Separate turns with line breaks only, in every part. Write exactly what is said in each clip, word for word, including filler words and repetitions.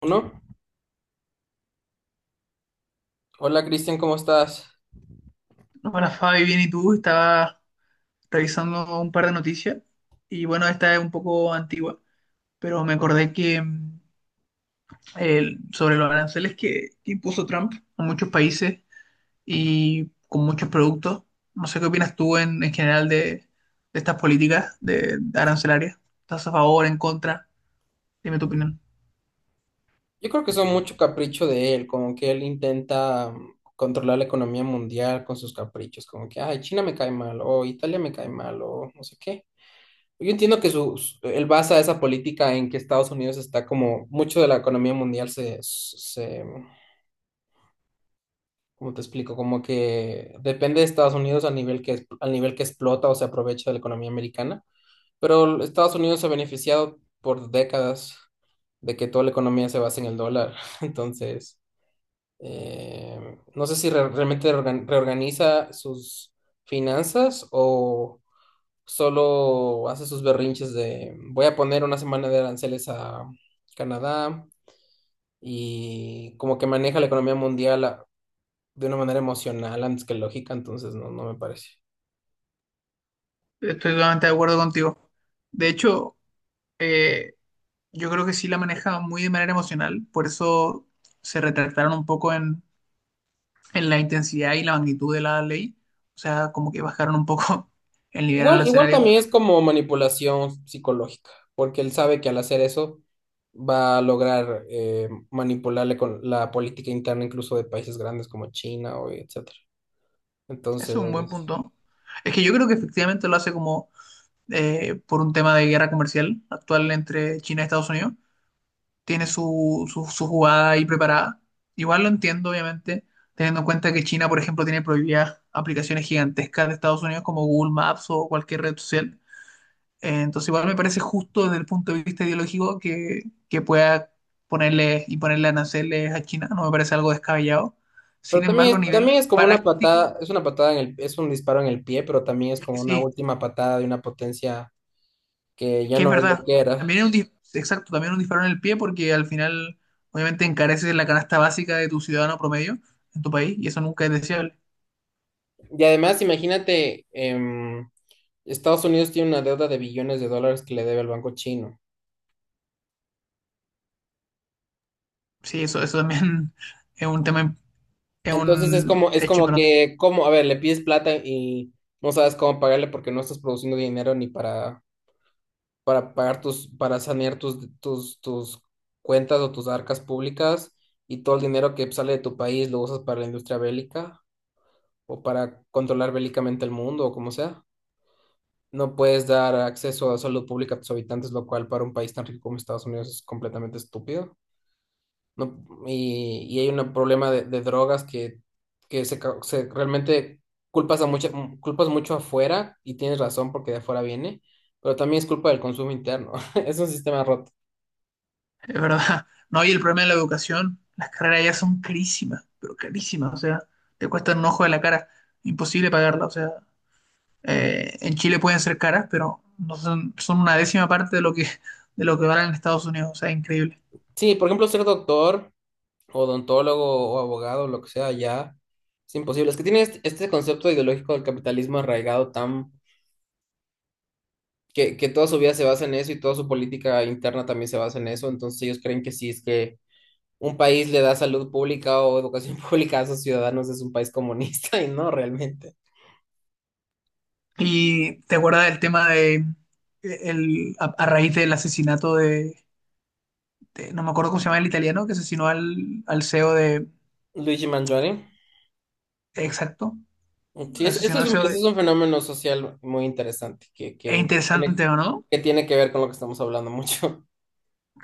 Uno. Hola Cristian, ¿cómo estás?
Hola Fabi, bien, ¿y tú? Estaba revisando un par de noticias y bueno, esta es un poco antigua, pero me acordé que mm, el- sobre los aranceles que, que impuso Trump a muchos países y con muchos productos. No sé qué opinas tú en, en general de, de estas políticas de, de arancelarias. ¿Estás a favor, en contra? Dime tu opinión.
Yo creo que son mucho capricho de él, como que él intenta mm, controlar la economía mundial con sus caprichos, como que, ay, China me cae mal, o Italia me cae mal, o no sé qué. Yo entiendo que su, su- él basa esa política en que Estados Unidos está como, mucho de la economía mundial se, se, como te explico, como que depende de Estados Unidos al nivel que, es- al nivel que explota o se aprovecha de la economía americana, pero Estados Unidos se ha beneficiado por décadas de que toda la economía se basa en el dólar. Entonces, eh, no sé si re- realmente reorgan- reorganiza sus finanzas o solo hace sus berrinches de voy a poner una semana de aranceles a Canadá y como que maneja la economía mundial de una manera emocional antes que lógica, entonces no, no me parece.
Estoy totalmente de acuerdo contigo. De hecho, eh, yo creo que sí la maneja muy de manera emocional, por eso se retractaron un poco en en la intensidad y la magnitud de la ley. O sea, como que bajaron un poco el nivel
Igual, igual
arancelario.
también es como manipulación psicológica, porque él sabe que al hacer eso va a lograr eh, manipularle con la política interna incluso de países grandes como China o etcétera.
Eso es un buen
Entonces,
punto. Es que yo creo que efectivamente lo hace como eh, por un tema de guerra comercial actual entre China y Estados Unidos. Tiene su, su, su jugada ahí preparada. Igual lo entiendo, obviamente, teniendo en cuenta que China, por ejemplo, tiene prohibidas aplicaciones gigantescas de Estados Unidos como Google Maps o cualquier red social. Eh, entonces igual me parece justo desde el punto de vista ideológico que, que pueda ponerle y ponerle aranceles a China, no me parece algo descabellado.
pero
Sin embargo,
también,
a
es-
nivel
también es como una
práctico,
patada, es una patada en el, es un disparo en el pie, pero también es
es que
como una
sí,
última patada de una potencia que
es
ya
que es
no es lo
verdad.
que era.
También es un, dis- exacto, también es un disparo en el pie porque al final obviamente encareces la canasta básica de tu ciudadano promedio en tu país y eso nunca es deseable.
Y además, imagínate, em, Estados Unidos tiene una deuda de billones de dólares que le debe al banco chino.
Sí, eso, eso también es un tema, es
Entonces es
un
como, es
hecho
como
importante.
que, como, a ver, le pides plata y no sabes cómo pagarle porque no estás produciendo dinero ni para, para pagar tus, para sanear tus, tus, tus cuentas o tus arcas públicas y todo el dinero que sale de tu país lo usas para la industria bélica o para controlar bélicamente el mundo o como sea. No puedes dar acceso a salud pública a tus habitantes, lo cual para un país tan rico como Estados Unidos es completamente estúpido. No, y, y hay un problema de, de drogas que, que se, ca- se- realmente culpas a mucha, m- culpas mucho afuera y tienes razón porque de afuera viene, pero también es culpa del consumo interno. Es un sistema roto.
Es verdad. No, y el problema de la educación, las carreras ya son carísimas, pero carísimas, o sea, te cuestan un ojo de la cara, imposible pagarla, o sea, eh, en Chile pueden ser caras, pero no son, son una décima parte de lo que, de lo que valen en Estados Unidos, o sea, increíble.
Sí, por ejemplo, ser doctor, odontólogo o abogado, lo que sea, ya es imposible. Es que tiene este, este concepto ideológico del capitalismo arraigado tan que, que toda su vida se basa en eso y toda su política interna también se basa en eso. Entonces ellos creen que sí es que un país le da salud pública o educación pública a sus ciudadanos es un país comunista y no realmente.
Y te acuerdas del tema de, eh, el, a, a raíz del asesinato de, de- no me acuerdo cómo se llama el italiano, que asesinó al, al C E O de,
Luigi Mangione.
exacto,
Sí, es- eso
asesinó
es
al
un,
C E O
eso
de,
es un fenómeno social muy interesante que,
es
que tiene,
interesante, ¿o no?
que tiene que ver con lo que estamos hablando mucho.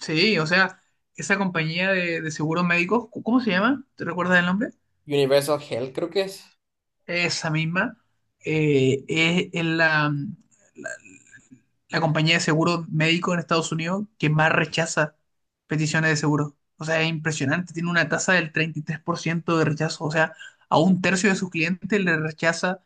Sí, o sea, esa compañía de, de seguros médicos, ¿cu- ¿cómo se llama? ¿Te recuerdas el nombre?
Universal Health, creo que es.
Esa misma, eh, es, es la, la- la compañía de seguro médico en Estados Unidos que más rechaza peticiones de seguro. O sea, es impresionante, tiene una tasa del treinta y tres por ciento de rechazo. O sea, a un tercio de sus clientes le rechaza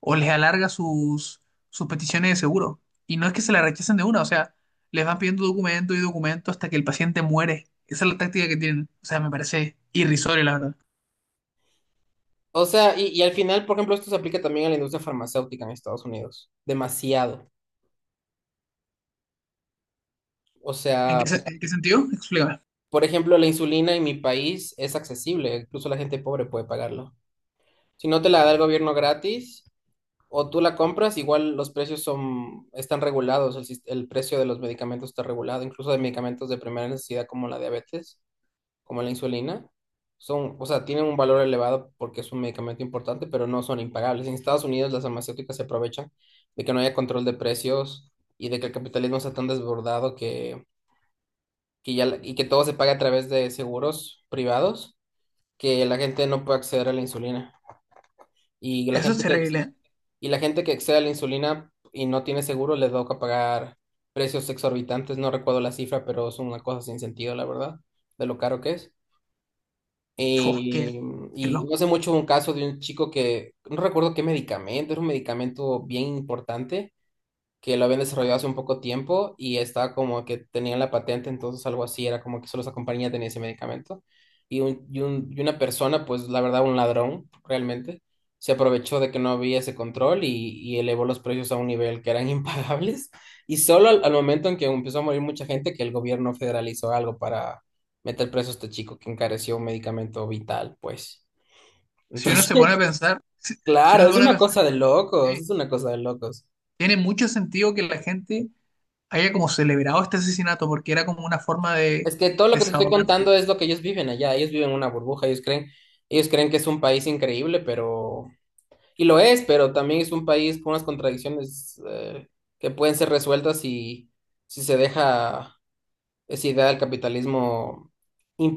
o les alarga sus, sus peticiones de seguro. Y no es que se la rechacen de una, o sea, les van pidiendo documento y documento hasta que el paciente muere. Esa es la táctica que tienen. O sea, me parece irrisorio, la verdad.
O sea, y, y al final, por ejemplo, esto se aplica también a la industria farmacéutica en Estados Unidos. Demasiado. O
¿En
sea,
qué, se- en qué sentido? Explícame.
por ejemplo, la insulina en mi país es accesible. Incluso la gente pobre puede pagarlo. Si no te la da el gobierno gratis, o tú la compras, igual los precios son, están regulados, el, sis- el precio de los medicamentos está regulado, incluso de medicamentos de primera necesidad como la diabetes, como la insulina, son, o sea, tienen un valor elevado porque es un medicamento importante, pero no son impagables. En Estados Unidos las farmacéuticas se aprovechan de que no haya control de precios y de que el capitalismo está tan desbordado que, que ya, la- y que todo se paga a través de seguros privados, que la gente no puede acceder a la insulina. Y la
Eso es
gente que,
terrible.
y la gente que excede la insulina y no tiene seguro les toca pagar precios exorbitantes, no recuerdo la cifra, pero es una cosa sin sentido, la verdad, de lo caro que es.
Oh, qué,
Eh,
qué
y
loco.
no hace mucho un caso de un chico que, no recuerdo qué medicamento, era un medicamento bien importante, que lo habían desarrollado hace un poco tiempo y estaba como que tenían la patente, entonces algo así, era como que solo esa compañía tenía ese medicamento. Y, un, y, un- y una persona, pues la verdad, un ladrón, realmente, se aprovechó de que no había ese control y, y elevó los precios a un nivel que eran impagables. Y solo al, al momento en que empezó a morir mucha gente, que el gobierno federalizó algo para meter preso a este chico que encareció un medicamento vital, pues.
Si uno
Entonces,
se pone a pensar, si, si
claro,
uno se
es
pone a
una
pensar,
cosa de locos,
sí,
es una cosa de locos.
tiene mucho sentido que la gente haya como celebrado este asesinato porque era como una forma de
Es que todo lo que te estoy
desahogarse.
contando es lo que ellos viven allá. Ellos viven una burbuja, ellos creen, ellos creen que es un país increíble, pero, y lo es, pero también es un país con unas contradicciones eh, que pueden ser resueltas si, si se deja esa idea del capitalismo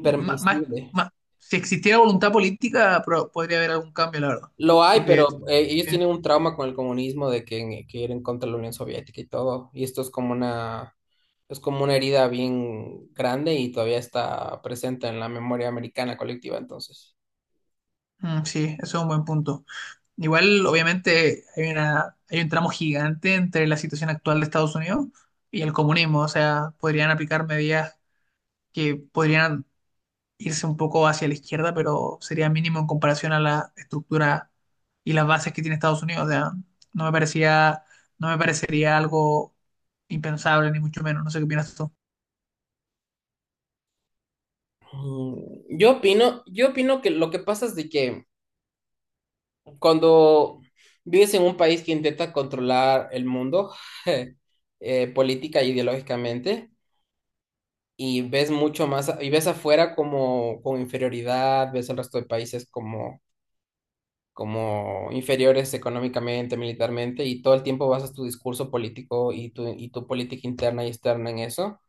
Ma- más- más- si existiera voluntad política, pro- podría haber algún cambio, la verdad.
Lo hay,
Porque
pero eh, ellos
eh,
tienen un trauma con el comunismo de que, que ir en contra de la Unión Soviética y todo. Y esto es como una, es como una herida bien grande y todavía está presente en la memoria americana colectiva, entonces.
mm, sí, eso es un buen punto. Igual, obviamente, hay una, hay un tramo gigante entre la situación actual de Estados Unidos y el comunismo. O sea, podrían aplicar medidas que podrían irse un poco hacia la izquierda, pero sería mínimo en comparación a la estructura y las bases que tiene Estados Unidos. O sea, no me parecía, no me parecería algo impensable, ni mucho menos. No sé qué opinas tú.
Mm, Yo opino, yo opino que lo que pasa es de que cuando vives en un país que intenta controlar el mundo eh, política e ideológicamente y ves mucho más a- y ves afuera como con inferioridad, ves al resto de países como como inferiores económicamente, militarmente y todo el tiempo basas tu discurso político y tu y tu política interna y externa en eso.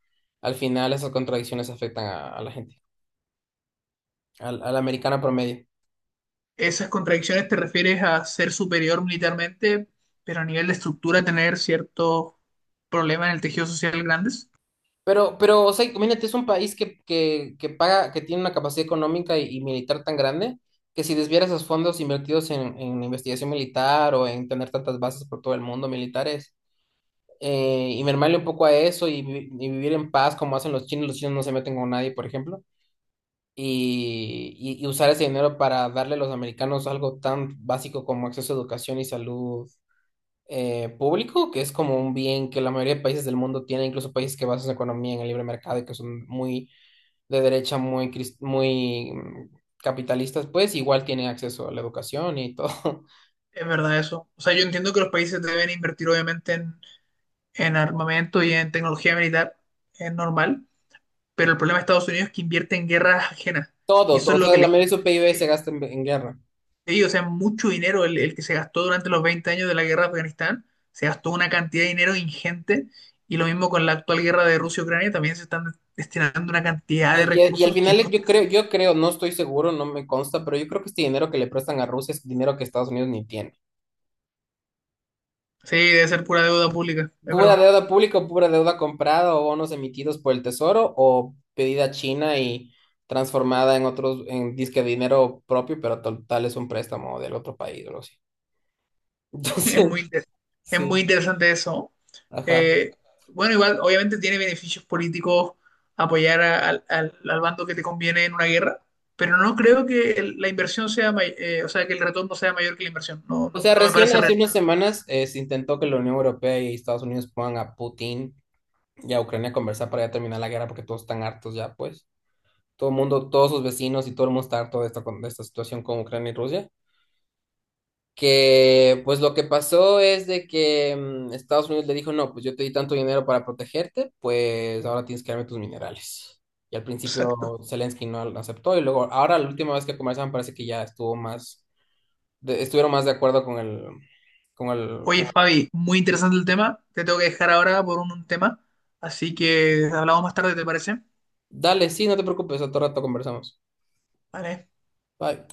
Al final esas contradicciones afectan a, a la gente, al, al americano promedio.
¿Esas contradicciones te refieres a ser superior militarmente, pero a nivel de estructura tener cierto problema en el tejido social grandes?
Pero, pero, o sea, imagínate, es un país que, que, que paga, que tiene una capacidad económica y, y militar tan grande que si desviara esos fondos invertidos en, en investigación militar o en tener tantas bases por todo el mundo militares eh, y mermarle un poco a eso y, vi- y vivir en paz como hacen los chinos, los chinos no se meten con nadie, por ejemplo, y, y, y usar ese dinero para darle a los americanos algo tan básico como acceso a educación y salud eh, público, que es como un bien que la mayoría de países del mundo tienen, incluso países que basan su economía en el libre mercado y que son muy de derecha, muy, cris- muy mm, capitalistas, pues igual tienen acceso a la educación y todo,
Es verdad eso. O sea, yo entiendo que los países deben invertir obviamente en, en armamento y en tecnología militar, es normal, pero el problema de Estados Unidos es que invierte en guerras ajenas y
todo,
eso
todo,
es
o
lo
sea,
que le
la
Mm,
mayoría de
genera.
su P I B se
Sí,
gasta en, en guerra.
sí, o sea, mucho dinero el, el que se gastó durante los veinte años de la guerra de Afganistán, se gastó una cantidad de dinero ingente y lo mismo con la actual guerra de Rusia-Ucrania, también se están destinando una cantidad
Y,
de
y- y al
recursos que
final
no
yo
tiene
creo,
sentido.
yo creo, no estoy seguro, no me consta, pero yo creo que este dinero que le prestan a Rusia es dinero que Estados Unidos ni tiene.
Sí, debe ser pura deuda pública, es
Pura
verdad.
deuda pública o pura deuda comprada o bonos emitidos por el Tesoro o pedida a China y transformada en otros, en disque dinero propio, pero total es un préstamo del otro país, o algo así.
Es
Entonces,
muy, inter- es muy
sí,
interesante eso.
ajá.
Eh, bueno, igual, obviamente tiene beneficios políticos apoyar a- al, al- al bando que te conviene en una guerra, pero no creo que el- la inversión sea, may- eh, o sea, que el retorno sea mayor que la inversión. No,
O
no,
sea,
no me
recién
parece
hace unas
rentable.
semanas eh, se intentó que la Unión Europea y Estados Unidos pongan a Putin y a Ucrania a conversar para ya terminar la guerra porque todos están hartos ya, pues. Todo el mundo, todos sus vecinos y todo el mundo está harto de esta, con- de esta situación con Ucrania y Rusia. Que pues lo que pasó es de que mm, Estados Unidos le dijo, no, pues yo te di tanto dinero para protegerte, pues ahora tienes que darme tus minerales. Y al
Exacto.
principio Zelensky no lo aceptó y luego ahora la última vez que conversaban parece que ya estuvo más, de- estuvieron más de acuerdo con el, con el,
Oye,
con-
Fabi, muy interesante el tema. Te tengo que dejar ahora por un, un tema, así que hablamos más tarde, ¿te parece?
Dale, sí, no te preocupes, a todo rato conversamos.
Vale.
Bye.